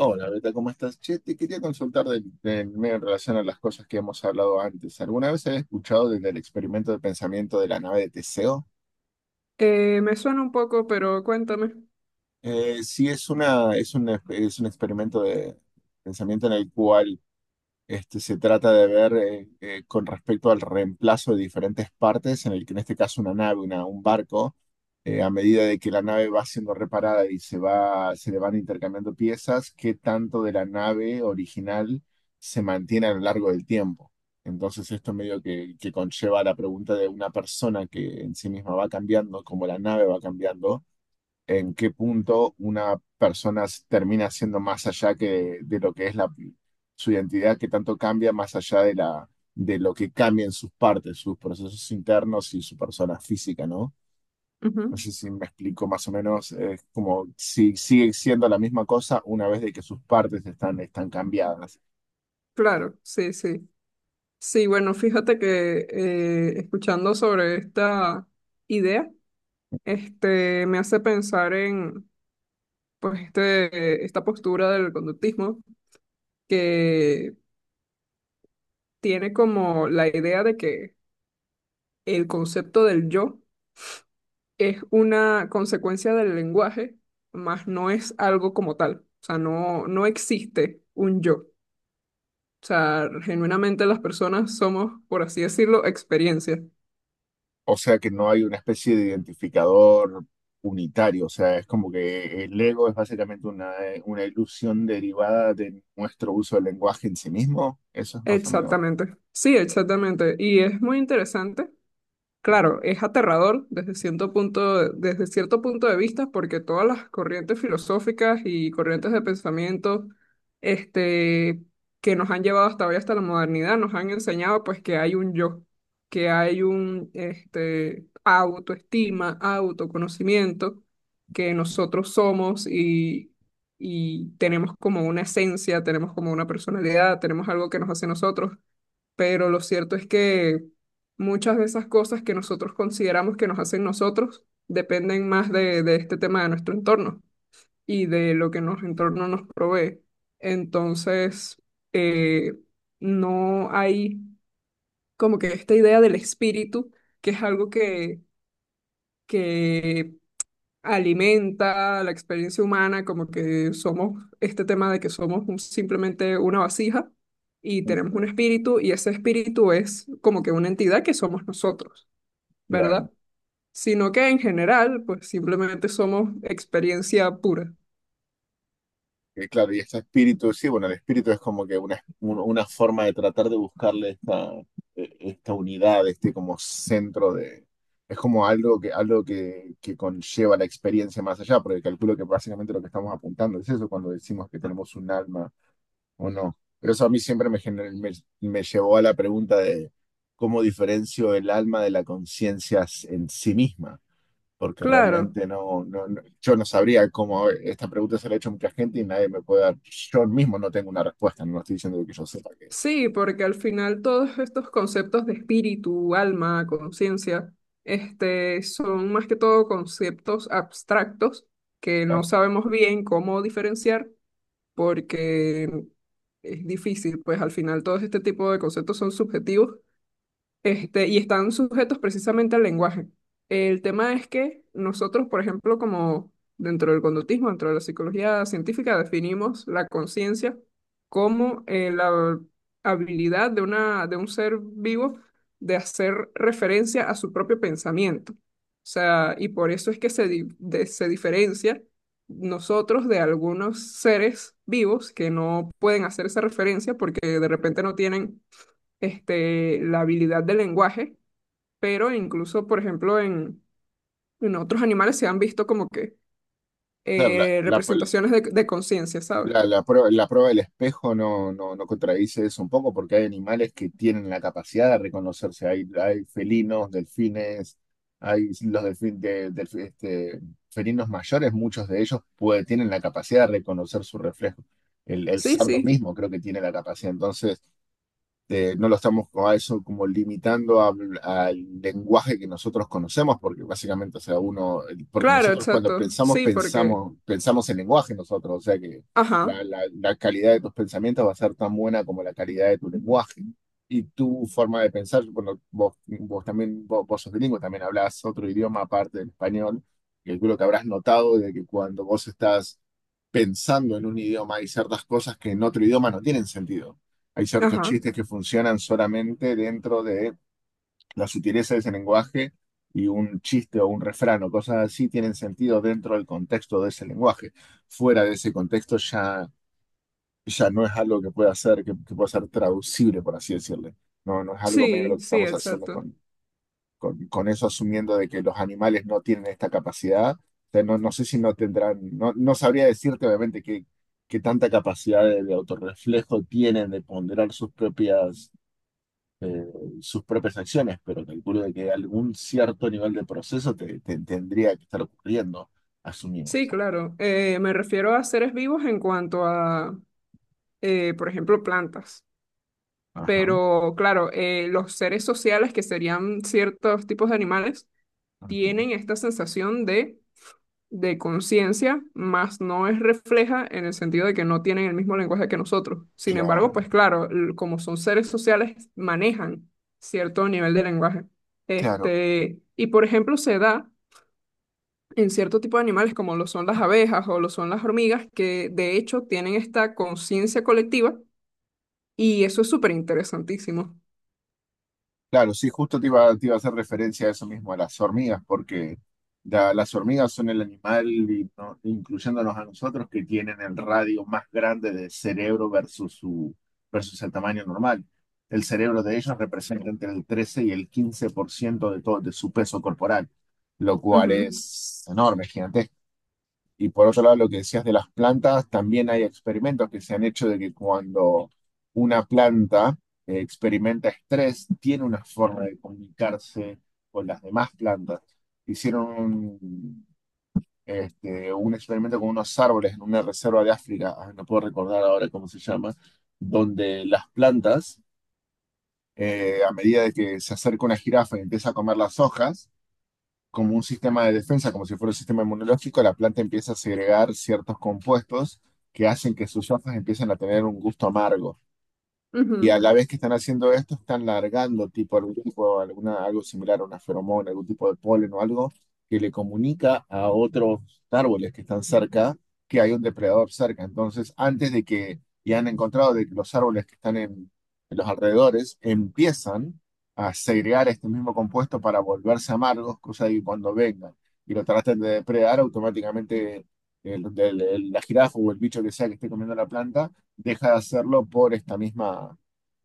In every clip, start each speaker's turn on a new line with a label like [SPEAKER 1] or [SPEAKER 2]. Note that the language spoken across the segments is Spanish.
[SPEAKER 1] Hola, Beta, ¿cómo estás? Che, te quería consultar del medio en relación a las cosas que hemos hablado antes. ¿Alguna vez has escuchado del experimento de pensamiento de la nave de Teseo?
[SPEAKER 2] Me suena un poco, pero cuéntame.
[SPEAKER 1] Sí, es un experimento de pensamiento en el cual se trata de ver con respecto al reemplazo de diferentes partes, en el que en este caso un barco, a medida de que la nave va siendo reparada y se le van intercambiando piezas, qué tanto de la nave original se mantiene a lo largo del tiempo. Entonces esto medio que conlleva la pregunta de una persona que en sí misma va cambiando, como la nave va cambiando, en qué punto termina siendo más allá lo que es su identidad, que tanto cambia más allá de lo que cambian sus partes, sus procesos internos y su persona física, ¿no? No
[SPEAKER 2] Ujú.
[SPEAKER 1] sé si me explico más o menos, es como si sigue siendo la misma cosa una vez de que sus partes están cambiadas.
[SPEAKER 2] Claro, sí, sí. Sí, bueno, fíjate que escuchando sobre esta idea, me hace pensar en, pues, esta postura del conductismo que tiene como la idea de que el concepto del yo es una consecuencia del lenguaje, más no es algo como tal. O sea, no existe un yo. O sea, genuinamente las personas somos, por así decirlo, experiencia.
[SPEAKER 1] O sea que no hay una especie de identificador unitario, o sea, es como que el ego es básicamente una ilusión derivada de nuestro uso del lenguaje en sí mismo, eso es más o menos.
[SPEAKER 2] Exactamente. Sí, exactamente. Y es muy interesante. Claro, es aterrador desde cierto punto de vista, porque todas las corrientes filosóficas y corrientes de pensamiento, este, que nos han llevado hasta hoy, hasta la modernidad, nos han enseñado pues que hay un yo, que hay un, autoestima, autoconocimiento, que nosotros somos y, tenemos como una esencia, tenemos como una personalidad, tenemos algo que nos hace nosotros, pero lo cierto es que muchas de esas cosas que nosotros consideramos que nos hacen nosotros dependen más de, este tema de nuestro entorno y de lo que nuestro entorno nos provee. Entonces, eh, no hay como que esta idea del espíritu, que es algo que, que alimenta la experiencia humana, como que somos este tema de que somos simplemente una vasija y tenemos un
[SPEAKER 1] Ujú.
[SPEAKER 2] espíritu y ese espíritu es como que una entidad que somos nosotros,
[SPEAKER 1] Claro.
[SPEAKER 2] ¿verdad? Sino que en general, pues simplemente somos experiencia pura.
[SPEAKER 1] Claro, y este espíritu, sí, bueno, el espíritu es como que una forma de tratar de buscarle esta unidad, este como centro de... Es como algo que conlleva la experiencia más allá, porque calculo que básicamente lo que estamos apuntando es eso cuando decimos que tenemos un alma o no. Pero eso a mí siempre me llevó a la pregunta de cómo diferencio el alma de la conciencia en sí misma, porque
[SPEAKER 2] Claro,
[SPEAKER 1] realmente yo no sabría cómo, esta pregunta se la ha hecho mucha gente y nadie me puede dar, yo mismo no tengo una respuesta, no estoy diciendo que yo sepa que,
[SPEAKER 2] sí, porque al final todos estos conceptos de espíritu, alma, conciencia, son más que todo conceptos abstractos que no
[SPEAKER 1] claro,
[SPEAKER 2] sabemos bien cómo diferenciar, porque es difícil, pues al final todo este tipo de conceptos son subjetivos, y están sujetos precisamente al lenguaje. El tema es que nosotros, por ejemplo, como dentro del conductismo, dentro de la psicología científica, definimos la conciencia como la habilidad de una, de un ser vivo de hacer referencia a su propio pensamiento. O sea, y por eso es que se diferencia nosotros de algunos seres vivos que no pueden hacer esa referencia porque de repente no tienen, la habilidad del lenguaje, pero incluso, por ejemplo, en otros animales se han visto como que
[SPEAKER 1] claro,
[SPEAKER 2] representaciones de conciencia, ¿sabes?
[SPEAKER 1] la, la prueba del espejo, no contradice eso un poco, porque hay animales que tienen la capacidad de reconocerse. Hay felinos, delfines, hay los este, felinos mayores, muchos de ellos tienen la capacidad de reconocer su reflejo. El
[SPEAKER 2] Sí,
[SPEAKER 1] cerdo
[SPEAKER 2] sí,
[SPEAKER 1] mismo creo que tiene la capacidad. Entonces, no lo estamos a eso como limitando al lenguaje que nosotros conocemos, porque básicamente, o sea, uno, porque
[SPEAKER 2] claro,
[SPEAKER 1] nosotros cuando
[SPEAKER 2] exacto. Sí, porque,
[SPEAKER 1] pensamos en lenguaje nosotros, o sea que
[SPEAKER 2] ajá,
[SPEAKER 1] la calidad de tus pensamientos va a ser tan buena como la calidad de tu lenguaje. Y tu forma de pensar, bueno, vos sos bilingüe, también hablás otro idioma aparte del español, que creo que habrás notado de que cuando vos estás pensando en un idioma hay ciertas cosas que en otro idioma no tienen sentido. Hay ciertos
[SPEAKER 2] ajá,
[SPEAKER 1] chistes que funcionan solamente dentro de la sutileza de ese lenguaje, y un chiste o un refrán o cosas así tienen sentido dentro del contexto de ese lenguaje. Fuera de ese contexto ya, ya no es algo que que pueda ser traducible, por así decirle. No, no es algo medio lo
[SPEAKER 2] sí,
[SPEAKER 1] que
[SPEAKER 2] sí,
[SPEAKER 1] estamos haciendo
[SPEAKER 2] exacto.
[SPEAKER 1] con eso, asumiendo de que los animales no tienen esta capacidad. O sea, no, no sé si no tendrán, no, no sabría decirte obviamente qué tanta capacidad de autorreflejo tienen de ponderar eh, sus propias acciones, pero calculo de que algún cierto nivel de proceso te tendría que estar ocurriendo,
[SPEAKER 2] Sí,
[SPEAKER 1] asumimos.
[SPEAKER 2] claro. Me refiero a seres vivos en cuanto a, por ejemplo, plantas.
[SPEAKER 1] Ajá,
[SPEAKER 2] Pero claro, los seres sociales, que serían ciertos tipos de animales,
[SPEAKER 1] ajá.
[SPEAKER 2] tienen esta sensación de conciencia, más no es refleja en el sentido de que no tienen el mismo lenguaje que nosotros. Sin embargo,
[SPEAKER 1] Claro,
[SPEAKER 2] pues claro, como son seres sociales, manejan cierto nivel de lenguaje.
[SPEAKER 1] claro.
[SPEAKER 2] Este, y por ejemplo, se da en cierto tipo de animales como lo son las abejas o lo son las hormigas, que de hecho tienen esta conciencia colectiva y eso es súper interesantísimo.
[SPEAKER 1] Claro, sí, justo te iba a hacer referencia a eso mismo, a las hormigas, porque las hormigas son el animal, y incluyéndonos a nosotros, que tienen el radio más grande del cerebro versus el tamaño normal. El cerebro de ellos representa entre el 13 y el 15% de todo, de su peso corporal, lo cual
[SPEAKER 2] Ujú,
[SPEAKER 1] es enorme, y por otro lado, lo que decías de las plantas, también hay experimentos que se han hecho de que cuando una planta experimenta estrés, tiene una forma de comunicarse con las demás plantas. Hicieron un experimento con unos árboles en una reserva de África, ah, no puedo recordar ahora cómo se llama, donde las plantas, a medida de que se acerca una jirafa y empieza a comer las hojas, como un sistema de defensa, como si fuera un sistema inmunológico, la planta empieza a segregar ciertos compuestos que hacen que sus hojas empiecen a tener un gusto amargo. Y a
[SPEAKER 2] ujú,
[SPEAKER 1] la vez que están haciendo esto, están largando tipo algún tipo, alguna, algo similar a una feromona, algún tipo de polen o algo que le comunica a otros árboles que están cerca, que hay un depredador cerca. Entonces, y han encontrado de que los árboles que están en los alrededores empiezan a segregar este mismo compuesto para volverse amargos, cosa de que cuando vengan y lo traten de depredar, automáticamente la jirafa o el bicho que sea que esté comiendo la planta deja de hacerlo por esta misma,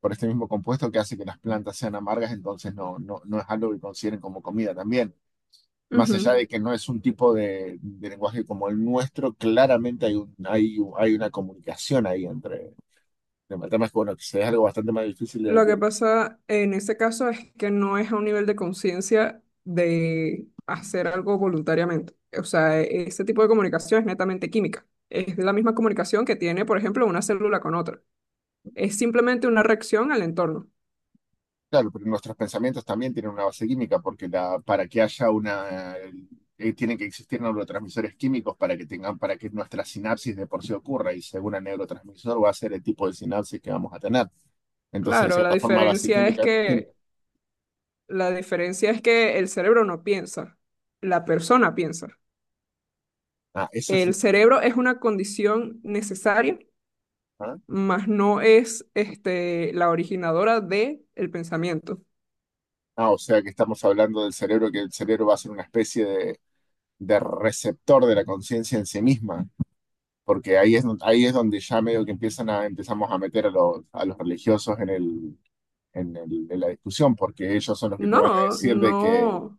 [SPEAKER 1] por este mismo compuesto que hace que las plantas sean amargas, entonces no es algo que consideren como comida también. Más allá
[SPEAKER 2] ujú.
[SPEAKER 1] de que no es un tipo de lenguaje como el nuestro, claramente hay, hay una comunicación ahí entre... El tema es que, bueno, que sea algo bastante más difícil
[SPEAKER 2] Lo que
[SPEAKER 1] de-
[SPEAKER 2] pasa en ese caso es que no es a un nivel de conciencia de hacer algo voluntariamente. O sea, ese tipo de comunicación es netamente química. Es la misma comunicación que tiene, por ejemplo, una célula con otra. Es simplemente una reacción al entorno.
[SPEAKER 1] claro, pero nuestros pensamientos también tienen una base química, porque para que haya una... tienen que existir neurotransmisores químicos para que tengan, para que nuestra sinapsis de por sí ocurra, y según el neurotransmisor va a ser el tipo de sinapsis que vamos a tener. Entonces, de
[SPEAKER 2] Claro,
[SPEAKER 1] cierta forma, base química.
[SPEAKER 2] la diferencia es que el cerebro no piensa, la persona piensa.
[SPEAKER 1] Ah, eso es...
[SPEAKER 2] El cerebro es una condición necesaria,
[SPEAKER 1] Ah.
[SPEAKER 2] mas no es la originadora del pensamiento.
[SPEAKER 1] Ah, o sea que estamos hablando del cerebro, que el cerebro va a ser una especie de receptor de la conciencia en sí misma, porque ahí ahí es donde ya medio que empezamos a meter a a los religiosos en en la discusión, porque ellos son los que te van a
[SPEAKER 2] No,
[SPEAKER 1] decir de que,
[SPEAKER 2] no.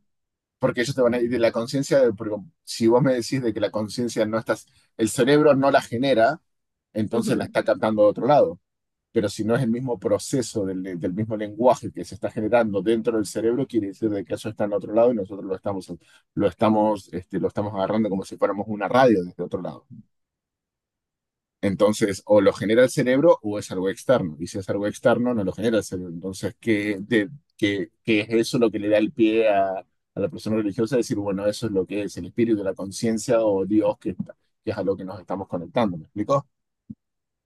[SPEAKER 1] porque ellos te van a decir de la conciencia, de- porque si vos me decís de que la conciencia no estás, el cerebro no la genera, entonces la
[SPEAKER 2] Ujú.
[SPEAKER 1] está captando de otro lado. Pero si no es el mismo proceso del mismo lenguaje que se está generando dentro del cerebro, quiere decir de que eso está en otro lado y nosotros lo estamos, lo estamos agarrando como si fuéramos una radio desde otro lado. Entonces, o lo genera el cerebro o es algo externo. Y si es algo externo, no lo genera el cerebro. Entonces, ¿qué, qué es eso lo que le da el pie a la persona religiosa? Decir, bueno, eso es lo que es el espíritu, la conciencia o Dios, que es a lo que nos estamos conectando. ¿Me explico?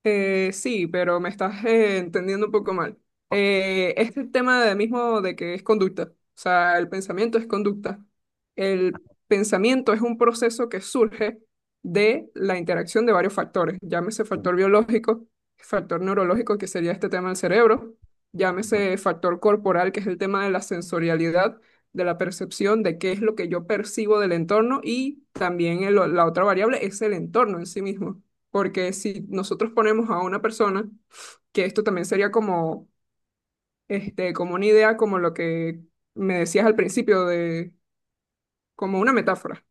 [SPEAKER 2] Sí, pero me estás entendiendo un poco mal. Este tema de mismo de que es conducta, o sea, el pensamiento es conducta. El pensamiento es un proceso que surge de la interacción de varios factores, llámese
[SPEAKER 1] Sí.
[SPEAKER 2] factor biológico, factor neurológico, que sería este tema del cerebro,
[SPEAKER 1] Ajá.
[SPEAKER 2] llámese factor corporal, que es el tema de la sensorialidad, de la percepción de qué es lo que yo percibo del entorno y también la otra variable es el entorno en sí mismo, porque si nosotros ponemos a una persona, que esto también sería como, como una idea, como lo que me decías al principio, de, como una metáfora,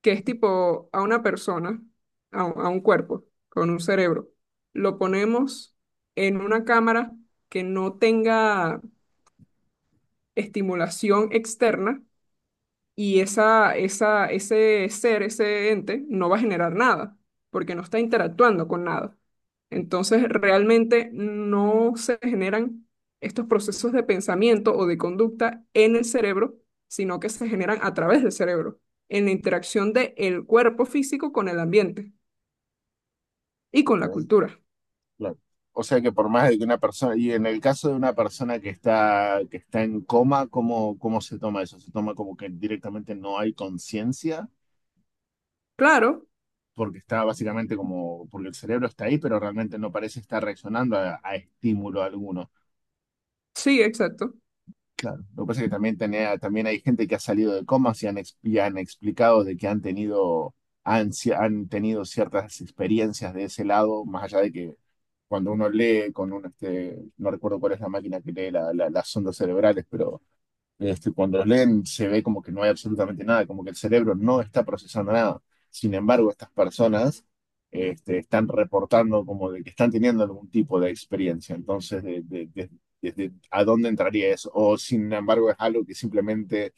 [SPEAKER 2] que es tipo a una persona, a un cuerpo, con un cerebro, lo ponemos en una cámara que no tenga estimulación externa y ese ser, ese ente, no va a generar nada, porque no está interactuando con nada. Entonces, realmente no se generan estos procesos de pensamiento o de conducta en el cerebro, sino que se generan a través del cerebro, en la interacción del cuerpo físico con el ambiente y con la
[SPEAKER 1] Okay.
[SPEAKER 2] cultura.
[SPEAKER 1] Claro. O sea que por más de que una persona, y en el caso de una persona que que está en coma, ¿cómo se toma eso? ¿Se toma como que directamente no hay conciencia?
[SPEAKER 2] Claro,
[SPEAKER 1] Porque está básicamente como, porque el cerebro está ahí, pero realmente no parece estar reaccionando a estímulo alguno.
[SPEAKER 2] sí, exacto.
[SPEAKER 1] Claro, lo que pasa es que también, también hay gente que ha salido de comas y y han explicado de que han tenido, ansia han tenido ciertas experiencias de ese lado, más allá de que cuando uno lee con un no recuerdo cuál es la máquina que lee las ondas cerebrales, cuando los leen se ve como que no hay absolutamente nada, como que el cerebro no está procesando nada. Sin embargo, estas personas están reportando como de que están teniendo algún tipo de experiencia. Entonces, desde a dónde entraría eso. O sin embargo, es algo que simplemente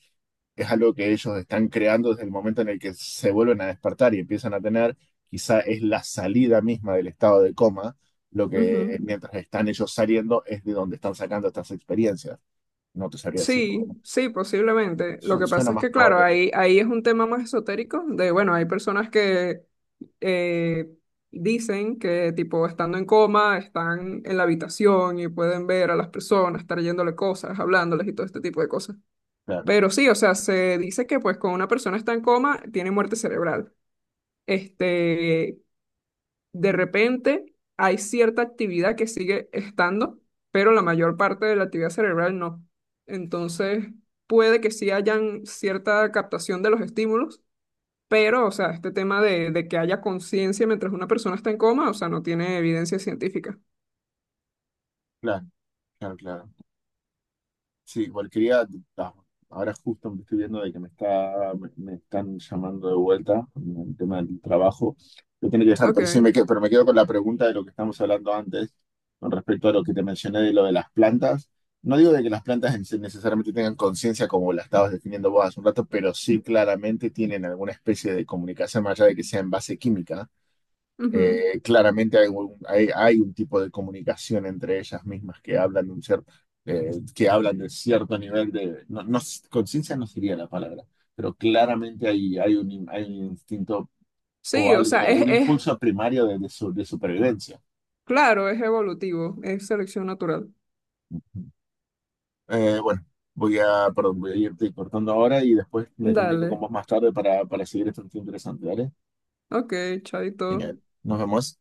[SPEAKER 1] es algo que ellos están creando desde el momento en el que se vuelven a despertar y empiezan a tener, quizá es la salida misma del estado de coma. Lo que
[SPEAKER 2] Ujú.
[SPEAKER 1] mientras están ellos saliendo es de donde están sacando estas experiencias. No te sabría decir.
[SPEAKER 2] Sí, sí, posiblemente. Lo que
[SPEAKER 1] Suena
[SPEAKER 2] pasa es
[SPEAKER 1] más
[SPEAKER 2] que, claro,
[SPEAKER 1] probable,
[SPEAKER 2] ahí es un tema más esotérico de, bueno, hay personas que eh, dicen que, tipo, estando en coma, están en la habitación y pueden ver a las personas, estar yéndole cosas, hablándoles y todo este tipo de cosas.
[SPEAKER 1] claro,
[SPEAKER 2] Pero sí, o sea, se dice que, pues, cuando una persona está en coma, tiene muerte cerebral. Este, de repente hay cierta actividad que sigue estando, pero la mayor parte de la actividad cerebral no. Entonces, puede que sí hayan cierta captación de los estímulos, pero, o sea, este tema de que haya conciencia mientras una persona está en coma, o sea, no tiene evidencia científica.
[SPEAKER 1] claro, claro, claro. Sí, cualquiera, ah, ahora justo me estoy viendo de que me están llamando de vuelta en el tema del trabajo. Yo tengo que dejar, pero sí
[SPEAKER 2] Ok.
[SPEAKER 1] me quedo, pero me quedo con la pregunta de lo que estamos hablando antes, con respecto a lo que te mencioné de lo de las plantas. No digo de que las plantas sí necesariamente tengan conciencia como la estabas definiendo vos hace un rato, pero sí claramente tienen alguna especie de comunicación más allá de que sea en base química.
[SPEAKER 2] Ujú.
[SPEAKER 1] Claramente hay un tipo de comunicación entre ellas mismas que hablan de un que hablan de cierto nivel de, no, no, conciencia no sería la palabra, pero claramente hay un, hay un instinto o
[SPEAKER 2] Sí, o sea,
[SPEAKER 1] algo, un
[SPEAKER 2] es,
[SPEAKER 1] impulso primario de supervivencia.
[SPEAKER 2] claro, es evolutivo, es selección natural.
[SPEAKER 1] Bueno, perdón, voy a irte cortando ahora y después me comunico
[SPEAKER 2] Dale.
[SPEAKER 1] con vos más tarde para seguir este tema interesante, ¿vale?
[SPEAKER 2] Ok, chaito.
[SPEAKER 1] Genial. Nos vemos.